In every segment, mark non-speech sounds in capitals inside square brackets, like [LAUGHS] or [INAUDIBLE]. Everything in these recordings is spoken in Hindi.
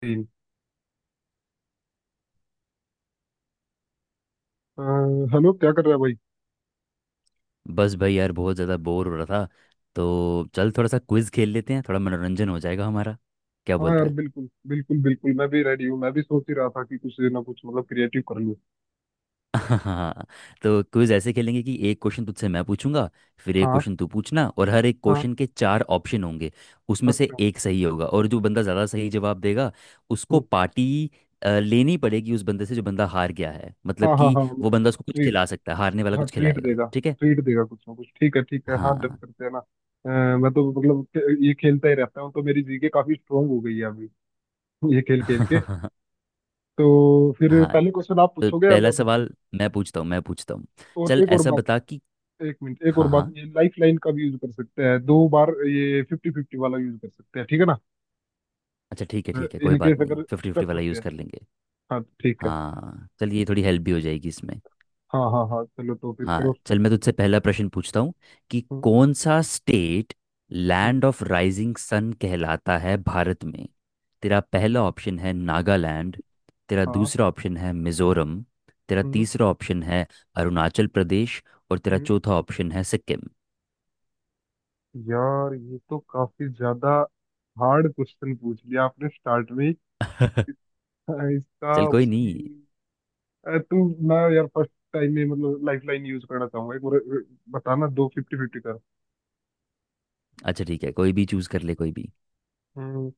तीन। अ, हेलो, क्या कर रहा है भाई। बस भाई यार बहुत ज़्यादा बोर हो रहा था। तो चल थोड़ा सा क्विज खेल लेते हैं, थोड़ा मनोरंजन हो जाएगा हमारा। क्या हाँ बोलता यार, है? बिल्कुल बिल्कुल बिल्कुल, मैं भी रेडी हूँ। मैं भी सोच ही रहा था कि कुछ ना कुछ मतलब क्रिएटिव कर लूँ। [LAUGHS] हाँ। तो क्विज ऐसे खेलेंगे कि एक क्वेश्चन तुझसे मैं पूछूंगा, फिर एक हाँ क्वेश्चन तू पूछना, और हर एक हाँ। क्वेश्चन के चार ऑप्शन होंगे। उसमें से अच्छा। एक सही होगा और जो बंदा ज़्यादा सही जवाब देगा उसको हम्म। पार्टी लेनी पड़ेगी उस बंदे से जो बंदा हार गया है। मतलब हाँ हाँ कि हाँ, वो मतलब बंदा उसको कुछ ट्रीट। खिला सकता है, हारने वाला हाँ, कुछ ट्रीट खिलाएगा, देगा। ठीक है? ट्रीट देगा कुछ ना कुछ। ठीक है ठीक है। हाँ, डन हाँ। करते हैं ना। मैं तो मतलब ये खेलता ही रहता हूँ, तो मेरी GK काफी स्ट्रांग हो गई है अभी, ये खेल खेल के। [LAUGHS] तो फिर हाँ। पहले क्वेश्चन आप तो पूछोगे या पहला मैं पूछूं? सवाल मैं पूछता हूँ, मैं पूछता हूँ। और चल एक और ऐसा बात, बता कि एक मिनट। एक और हाँ बात, हाँ, ये लाइफ लाइन का भी यूज कर सकते हैं दो बार। ये फिफ्टी फिफ्टी वाला यूज कर सकते हैं, ठीक है ना? अच्छा ठीक है ठीक है, कोई बात इनकेस नहीं, अगर फिफ्टी फिफ्टी स्टक वाला होते यूज़ हैं। कर लेंगे। हाँ, तो ठीक है। हाँ चल, ये थोड़ी हेल्प भी हो जाएगी इसमें। हाँ हाँ हाँ, चलो तो फिर हाँ करो start। चल, मैं तुझसे पहला प्रश्न पूछता हूँ कि हम्म। कौन सा स्टेट हम्म। लैंड ऑफ राइजिंग सन कहलाता है भारत में। तेरा पहला ऑप्शन है नागालैंड, तेरा हाँ। दूसरा ऑप्शन है मिजोरम, तेरा हम्म। तीसरा ऑप्शन है अरुणाचल प्रदेश, और तेरा हम्म। चौथा ऑप्शन है सिक्किम। यार, ये तो काफी ज्यादा हार्ड क्वेश्चन पूछ लिया आपने स्टार्ट में ही। [LAUGHS] इसका चल कोई ऑप्शन, नहीं। तू। मैं यार फर्स्ट टाइम में मतलब लाइफ लाइन यूज करना चाहूंगा एक बार। अ, बताना, दो फिफ्टी फिफ्टी कर। अच्छा ठीक है, कोई भी चूज कर ले कोई भी। हम्म।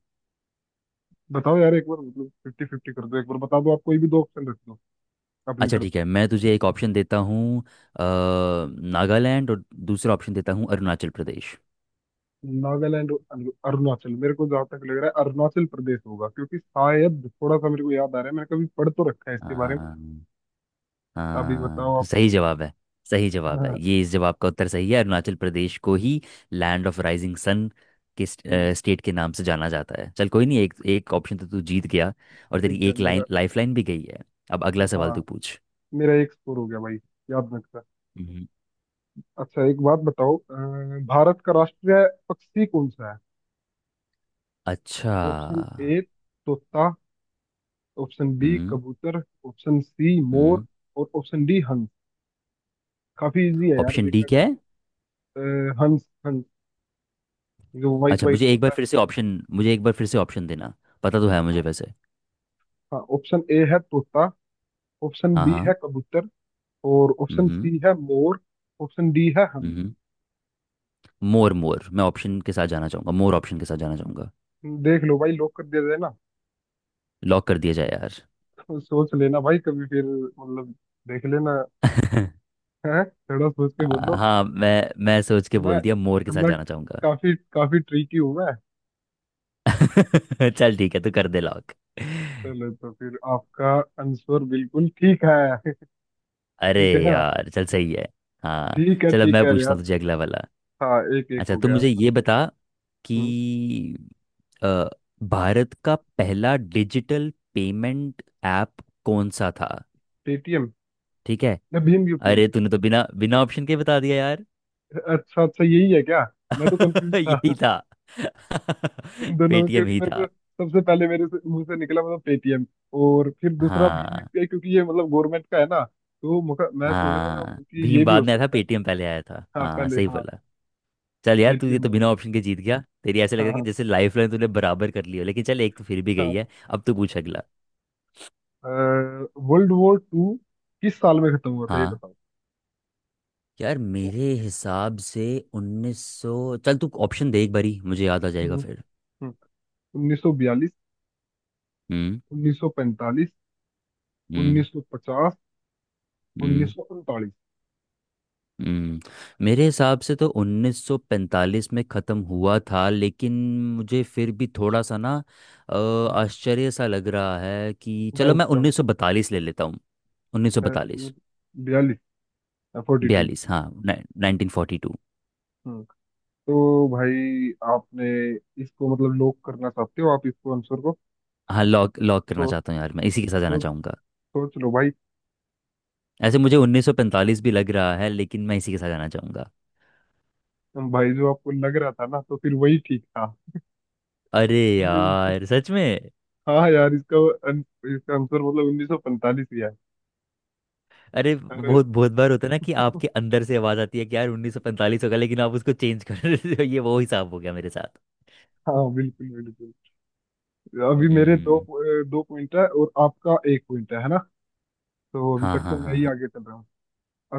बताओ यार एक बार, मतलब फिफ्टी फिफ्टी कर दो एक बार, बता दो आप कोई भी दो ऑप्शन रख दो अपनी अच्छा तरफ। ठीक है, मैं तुझे एक ऑप्शन देता हूँ, नागालैंड, और दूसरा ऑप्शन देता हूँ अरुणाचल प्रदेश। नागालैंड और अरुणाचल, मेरे को जहाँ तक लग रहा है अरुणाचल प्रदेश होगा, क्योंकि शायद थोड़ा सा मेरे को याद आ रहा है, मैंने कभी पढ़ तो रखा है इसके बारे में। हाँ। अभी बताओ हाँ, आप। सही जवाब है। सही [LAUGHS] जवाब हाँ। है ये, इस जवाब का उत्तर सही है, अरुणाचल प्रदेश को ही लैंड ऑफ राइजिंग सन के हम्म। स्टेट के नाम से जाना जाता है। चल कोई नहीं, एक एक ऑप्शन तो तू जीत गया, और तेरी ठीक है एक मेरा। लाइन लाइफ लाइन भी गई है। अब अगला हाँ, सवाल तू पूछ। मेरा एक स्कोर हो गया भाई, याद में रखा। हम्म। अच्छा एक बात बताओ, भारत का राष्ट्रीय पक्षी कौन सा है? अच्छा। ऑप्शन ए तोता। ऑप्शन बी हम्म। कबूतर। ऑप्शन सी मोर। हम्म। और ऑप्शन डी हंस। काफी इजी है यार, ऑप्शन डी देखा कर। क्या है? हंस। हंस जो व्हाइट अच्छा, व्हाइट मुझे एक होता बार है। फिर से ऑप्शन, मुझे एक बार फिर से ऑप्शन देना, पता तो है मुझे वैसे। हाँ, ऑप्शन ए है तोता। ऑप्शन हाँ बी हाँ। है कबूतर। और ऑप्शन हम्म। सी है मोर। ऑप्शन डी है हंस। हम्म। मोर, मोर, मैं ऑप्शन के साथ जाना चाहूँगा, मोर ऑप्शन के साथ जाना चाहूँगा। देख लो भाई, लॉक कर दिया जाए ना? लॉक कर दिया जाए यार। [LAUGHS] तो सोच लेना भाई, कभी फिर, मतलब देख लेना, [LAUGHS] है थोड़ा, सोच के बोलो। हाँ, मैं सोच के मैं बोल दिया, मोर के साथ मैं जाना चाहूँगा। काफी काफी ट्रिकी हूँ मैं। [LAUGHS] चल ठीक है, तू कर दे लॉक। चलो तो फिर आपका आंसर बिल्कुल ठीक है। [LAUGHS] अरे ठीक है ना। यार चल, सही है। हाँ चल, अब ठीक मैं है पूछता यार। हूँ तुझे अगला वाला। हाँ, एक एक अच्छा, हो तुम गया मुझे अपना ये स्कोर। बता हम्म। कि अ, भारत का पहला डिजिटल पेमेंट ऐप कौन सा था? पेटीएम। ठीक है। या भीम UPI। अरे तूने तो बिना बिना ऑप्शन के बता दिया यार। अच्छा अच्छा, यही है क्या? मैं तो [LAUGHS] कंफ्यूज यही था था। इन [LAUGHS] दोनों, पेटीएम क्योंकि ही मेरे को था। सबसे पहले मुंह से निकला, मतलब पेटीएम। और फिर दूसरा भीम हाँ, UPI, क्योंकि ये मतलब गवर्नमेंट का है ना। तो मैं सोच रहा था हाँ कि ये भीम भी हो बाद में आया था, सकता है। पेटीएम पहले आया था, हाँ हाँ पहले, सही हाँ। बोला। चल यार, तू ये पेटीएम तो है। बिना ऑप्शन के जीत गया। तेरी ऐसे लग रहा हाँ है कि हाँ जैसे लाइफ लाइन तूने बराबर कर ली हो, लेकिन चल एक तो फिर भी गई है। अब तू पूछ अगला। हाँ। वर्ल्ड वॉर टू किस साल में खत्म हुआ था, ये हाँ। बताओ। यार हम्म। मेरे हिसाब से 1900। चल तू ऑप्शन दे एक बारी, मुझे याद आ जाएगा हम्म। फिर। हम्म। 1942। हम्म। 1945। 1950। हम्म। 1939। हम्म। मेरे हिसाब से तो 1945 में ख़त्म हुआ था लेकिन मुझे फिर भी थोड़ा सा ना, अ, आश्चर्य सा लग रहा है कि चलो डाउट मैं डाउट। 1942 ले लेता हूँ। 1942, बयालीस। 42। 42। बयालीस, हाँ, नाइनटीन फोर्टी टू। तो भाई आपने इसको मतलब लॉक करना चाहते हो आप इसको, आंसर को? हाँ लॉक, लॉक करना तो चाहता हूँ यार, मैं इसी के साथ जाना सोच, चाहूँगा। सोच लो भाई। ऐसे मुझे 1945 भी लग रहा है लेकिन मैं इसी के साथ जाना चाहूँगा। भाई, जो आपको लग रहा था ना, तो फिर वही ठीक था। अरे यार सच में। हाँ यार, इसका अन- इसका आंसर मतलब 1945 ही है। अरे अरे। बहुत बहुत बार होता है ना कि आपके अंदर से आवाज आती है कि यार उन्नीस सौ पैंतालीस होगा लेकिन आप उसको चेंज कर रहे हो। ये वो हिसाब हो गया मेरे साथ। हाँ बिल्कुल बिल्कुल। अभी मेरे दो, हम्म। दो पॉइंट है और आपका एक पॉइंट है ना? तो अभी हाँ तक तो हाँ मैं ही हाँ। आगे चल रहा हूँ।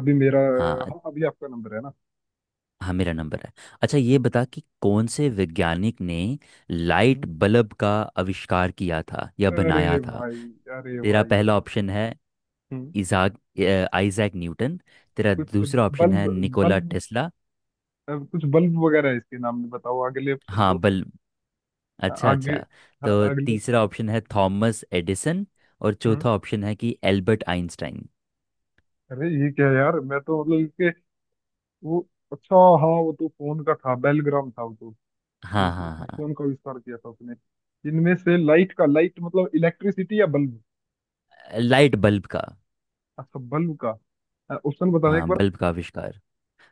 अभी मेरा। हाँ हाँ। हाँ, अभी आपका नंबर है ना। हाँ मेरा नंबर है। अच्छा ये हम्म। बता कि कौन से वैज्ञानिक ने हम्म। लाइट बल्ब का आविष्कार किया था या बनाया अरे था? भाई! अरे तेरा भाई! पहला अरे भाई! ऑप्शन है हम्म। आइजैक न्यूटन, तेरा कुछ दूसरा ऑप्शन है बल्ब, निकोला बल्ब, टेस्ला। अब कुछ बल्ब वगैरह है इसके नाम में, बताओ अगले ऑप्शन हाँ दो। बल हाँ, अच्छा आगे। अच्छा। हाँ, तो अगले ऑप्शन तीसरा दो। ऑप्शन है थॉमस एडिसन, और हम्म। चौथा ऑप्शन है कि एल्बर्ट आइंस्टाइन। अरे ये क्या है यार, मैं तो मतलब इसके, वो, अच्छा। हाँ वो तो फोन का था, बेलग्राम था वो तो, फिर- हाँ फिर- हाँ फिर हाँ। फोन का आविष्कार किया था उसने। इनमें से लाइट का? लाइट मतलब इलेक्ट्रिसिटी या बल्ब? लाइट बल्ब का। अच्छा बल्ब का। ऑप्शन बताना एक हाँ बार। बल्ब का आविष्कार।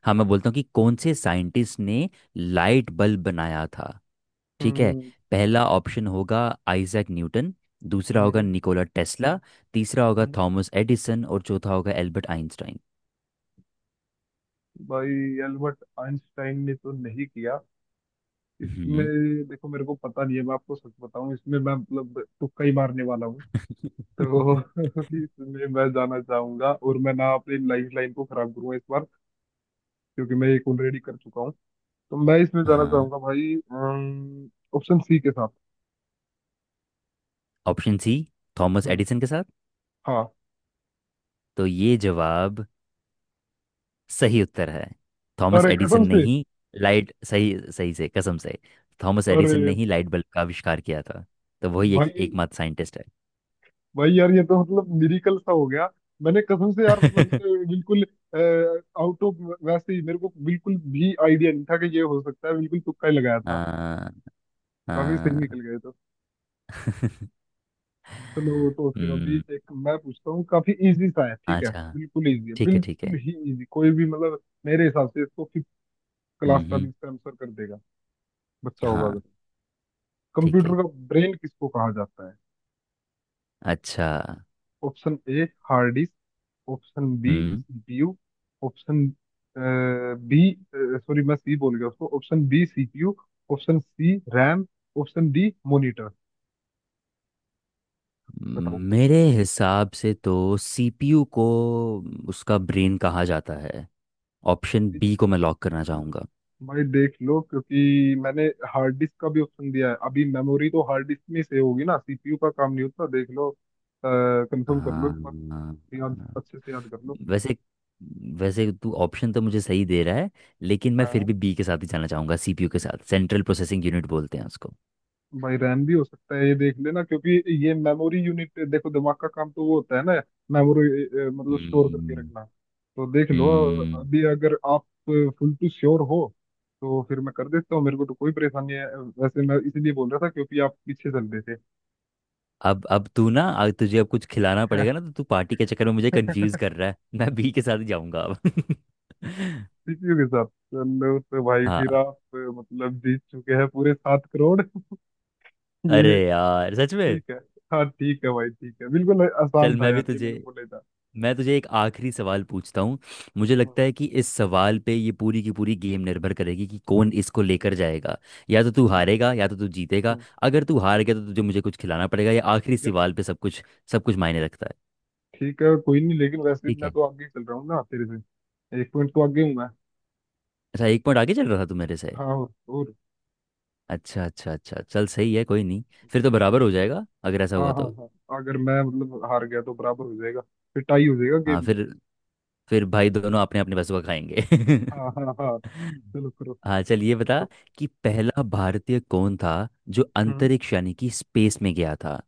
हाँ, मैं बोलता हूँ कि कौन से साइंटिस्ट ने लाइट बल्ब बनाया था, ठीक है? हम्म। पहला ऑप्शन होगा आइजैक न्यूटन, दूसरा होगा हम्म। निकोला टेस्ला, तीसरा होगा हम्म। थॉमस एडिसन, और चौथा होगा एल्बर्ट आइंस्टाइन। भाई, एल्बर्ट आइंस्टाइन ने तो नहीं किया इसमें। हम्म। देखो, मेरे को पता नहीं है, मैं आपको सच बताऊं, इसमें मैं मतलब तुक्का ही मारने वाला हूँ तो [LAUGHS] इसमें मैं जाना चाहूंगा, और मैं ना अपनी लाइफ लाइन को खराब करूंगा इस बार, क्योंकि मैं एक ऑलरेडी कर चुका हूँ, तो मैं इसमें [LAUGHS] जाना हाँ, चाहूंगा भाई, ऑप्शन सी के साथ। ऑप्शन सी, थॉमस हम्म। एडिसन के साथ। हाँ। तो ये जवाब, सही उत्तर है, थॉमस अरे एडिसन कसम ने से! ही लाइट, सही सही से, कसम से, थॉमस एडिसन अरे ने ही लाइट बल्ब का आविष्कार किया था। तो वही एक भाई! एकमात्र साइंटिस्ट है। भाई यार, ये तो मतलब मिरिकल सा हो गया। मैंने कसम से यार, मतलब [LAUGHS] मैंने बिल्कुल आउट ऑफ, वैसे ही मेरे को बिल्कुल भी आइडिया नहीं था कि ये हो सकता है, बिल्कुल तुक्का ही लगाया था। आ, काफी सही निकल आ, गए। चलो [LAUGHS] तो फिर अभी हम्म। एक मैं पूछता हूँ, काफी इजी सा है, ठीक है। अच्छा। बिल्कुल इजी है, ठीक है ठीक है। बिल्कुल ही इजी कोई भी, मतलब मेरे हिसाब से इसको फिफ्थ क्लास हम्म। का भी हम्म। इसका आंसर कर देगा बच्चा, होगा अगर। हाँ ठीक कंप्यूटर है। का ब्रेन किसको कहा जाता है? अच्छा। Option A hard disk. Option B hmm. CPU। Option B, sorry मैं सी बोल गया उसको, option B CPU। Option C RAM. Option D monitor. बताओ। मेरे हिसाब से तो सीपीयू को उसका ब्रेन कहा जाता है, ऑप्शन बी को मैं लॉक करना चाहूँगा। भाई देख लो, क्योंकि मैंने हार्ड डिस्क का भी ऑप्शन दिया है। अभी मेमोरी तो हार्ड डिस्क में सेव होगी ना, CPU का काम नहीं होता। देख लो, कंफर्म कर लो हाँ। एक बार, याद अच्छे से याद कर लो। वैसे, वैसे तू ऑप्शन तो मुझे सही दे रहा है लेकिन मैं फिर हाँ भी बी के साथ ही जाना चाहूंगा, सीपीयू के साथ, सेंट्रल प्रोसेसिंग यूनिट बोलते हैं उसको। भाई, रैम भी हो सकता है ये, देख लेना, क्योंकि ये मेमोरी यूनिट, देखो दिमाग का काम तो वो होता है ना, मेमोरी मतलब स्टोर करके हम्म। रखना। तो देख लो, हम्म। अभी अगर आप फुल टू श्योर हो, तो फिर मैं कर देता हूँ, मेरे को तो कोई परेशानी है, वैसे मैं इसलिए बोल रहा था क्योंकि आप पीछे चल रहे थे। अब तू ना अब तुझे अब कुछ खिलाना पड़ेगा ना तो तू पार्टी के चक्कर में मुझे कंफ्यूज कर रहा है, मैं बी के साथ ही जाऊंगा अब। [LAUGHS] CPU के साथ? चलो तो भाई, फिर हाँ। आप मतलब जीत चुके हैं पूरे 7 करोड़। [LAUGHS] अरे ये यार सच में। ठीक है। हाँ ठीक है भाई, ठीक है, बिल्कुल चल आसान था मैं भी यार ये, तुझे, मैंने बोला ही था। मैं तुझे एक आखिरी सवाल पूछता हूँ। मुझे हम्म। लगता है कि इस सवाल पे ये पूरी की पूरी गेम निर्भर करेगी, कि कौन इसको लेकर जाएगा, या तो तू हम्म। हारेगा या तो तू जीतेगा। हम्म। अगर तू हार हम्म। गया तो तुझे मुझे कुछ खिलाना पड़ेगा, ये आखिरी यार सवाल पे सब कुछ, सब कुछ मायने रखता है। ठीक है कोई नहीं, लेकिन वैसे भी ठीक मैं है। तो आगे चल रहा हूँ ना, तेरे से एक पॉइंट तो आगे हूँ मैं। अच्छा, एक पॉइंट आगे चल रहा था तू मेरे से। हाँ, और। अच्छा अच्छा अच्छा, चल सही है कोई नहीं। फिर तो बराबर हो चल। जाएगा अगर ऐसा हाँ हुआ हाँ तो। हाँ, अगर मैं मतलब हार गया तो बराबर हो जाएगा, फिर टाई हो जाएगा हाँ गेम। फिर भाई दोनों अपने अपने पैसों का खाएंगे। हाँ हाँ हाँ, [LAUGHS] चलो करो हाँ चल ये बता पूछो। कि पहला भारतीय कौन था जो हम्म। अंतरिक्ष यानी कि स्पेस में गया था?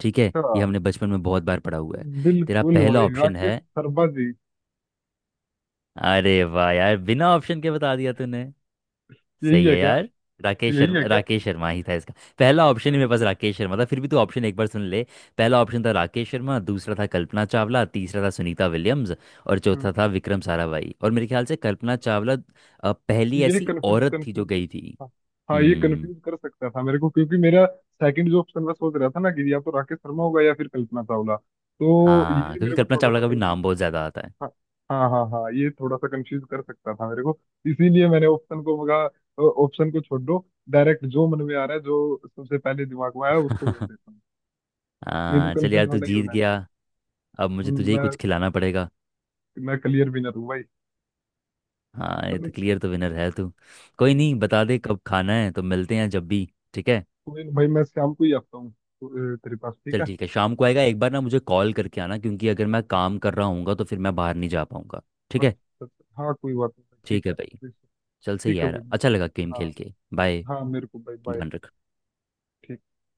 ठीक है, ये हमने बचपन में बहुत बार पढ़ा हुआ है। तेरा बिल्कुल पहला भाई, ऑप्शन राकेश है, शर्मा जी। अरे वाह यार बिना ऑप्शन के बता दिया तूने। यही सही है है क्या? यार, राकेश यही है शर्मा, क्या? राकेश शर्मा ही था इसका। पहला ऑप्शन ही मेरे पास हम्म। राकेश शर्मा था, फिर भी तू ऑप्शन एक बार सुन ले। पहला ऑप्शन था राकेश शर्मा, दूसरा था कल्पना चावला, तीसरा था सुनीता विलियम्स, और हम्म। चौथा था विक्रम साराभाई। और मेरे ख्याल से कल्पना चावला पहली ये ऐसी कंफ्यूज औरत थी जो कंफ्यूज। गई थी। हाँ। हाँ, ये हम्म। कंफ्यूज कर सकता था मेरे को, क्योंकि मेरा सेकंड जो ऑप्शन मैं सोच रहा था ना, कि या तो राकेश शर्मा होगा या फिर कल्पना चावला, तो ये हाँ, क्योंकि मेरे को कल्पना थोड़ा चावला सा का भी कंफ्यूज। नाम बहुत ज़्यादा आता है। हाँ हाँ हाँ। हाँ, ये थोड़ा सा कंफ्यूज कर सकता था मेरे को, इसीलिए मैंने ऑप्शन को मगा, ऑप्शन को छोड़ दो, डायरेक्ट जो मन में आ रहा है, जो सबसे पहले दिमाग में आया उसको बोल [LAUGHS] देता हूँ, नहीं तो हाँ चल कंफ्यूज यार, तू होना ही जीत होना है। गया। अब मुझे हम्म, तुझे ही मैं कुछ खिलाना पड़ेगा। मैं क्लियर विनर हूँ भाई। हाँ, ये चलो। तो क्लियर तो विनर है तू। कोई हम्म, नहीं, बता दे कब खाना है तो मिलते हैं जब भी। ठीक है। कोई नहीं भाई, मैं शाम को ही आता हूँ तो, तेरे पास, ठीक चल है। ठीक है, शाम को आएगा एक बार ना मुझे कॉल करके आना, क्योंकि अगर मैं हाँ, काम कर रहा हूँगा तो फिर मैं बाहर नहीं जा पाऊंगा। ठीक अच्छा है। अच्छा, हाँ कोई बात नहीं, ठीक ठीक है है। भाई, चल सही ठीक है भाई। यार, अच्छा लगा गेम हाँ। खेल के, बाय। हाँ, मेरे को बाय बाय। ध्यान रख। ठीक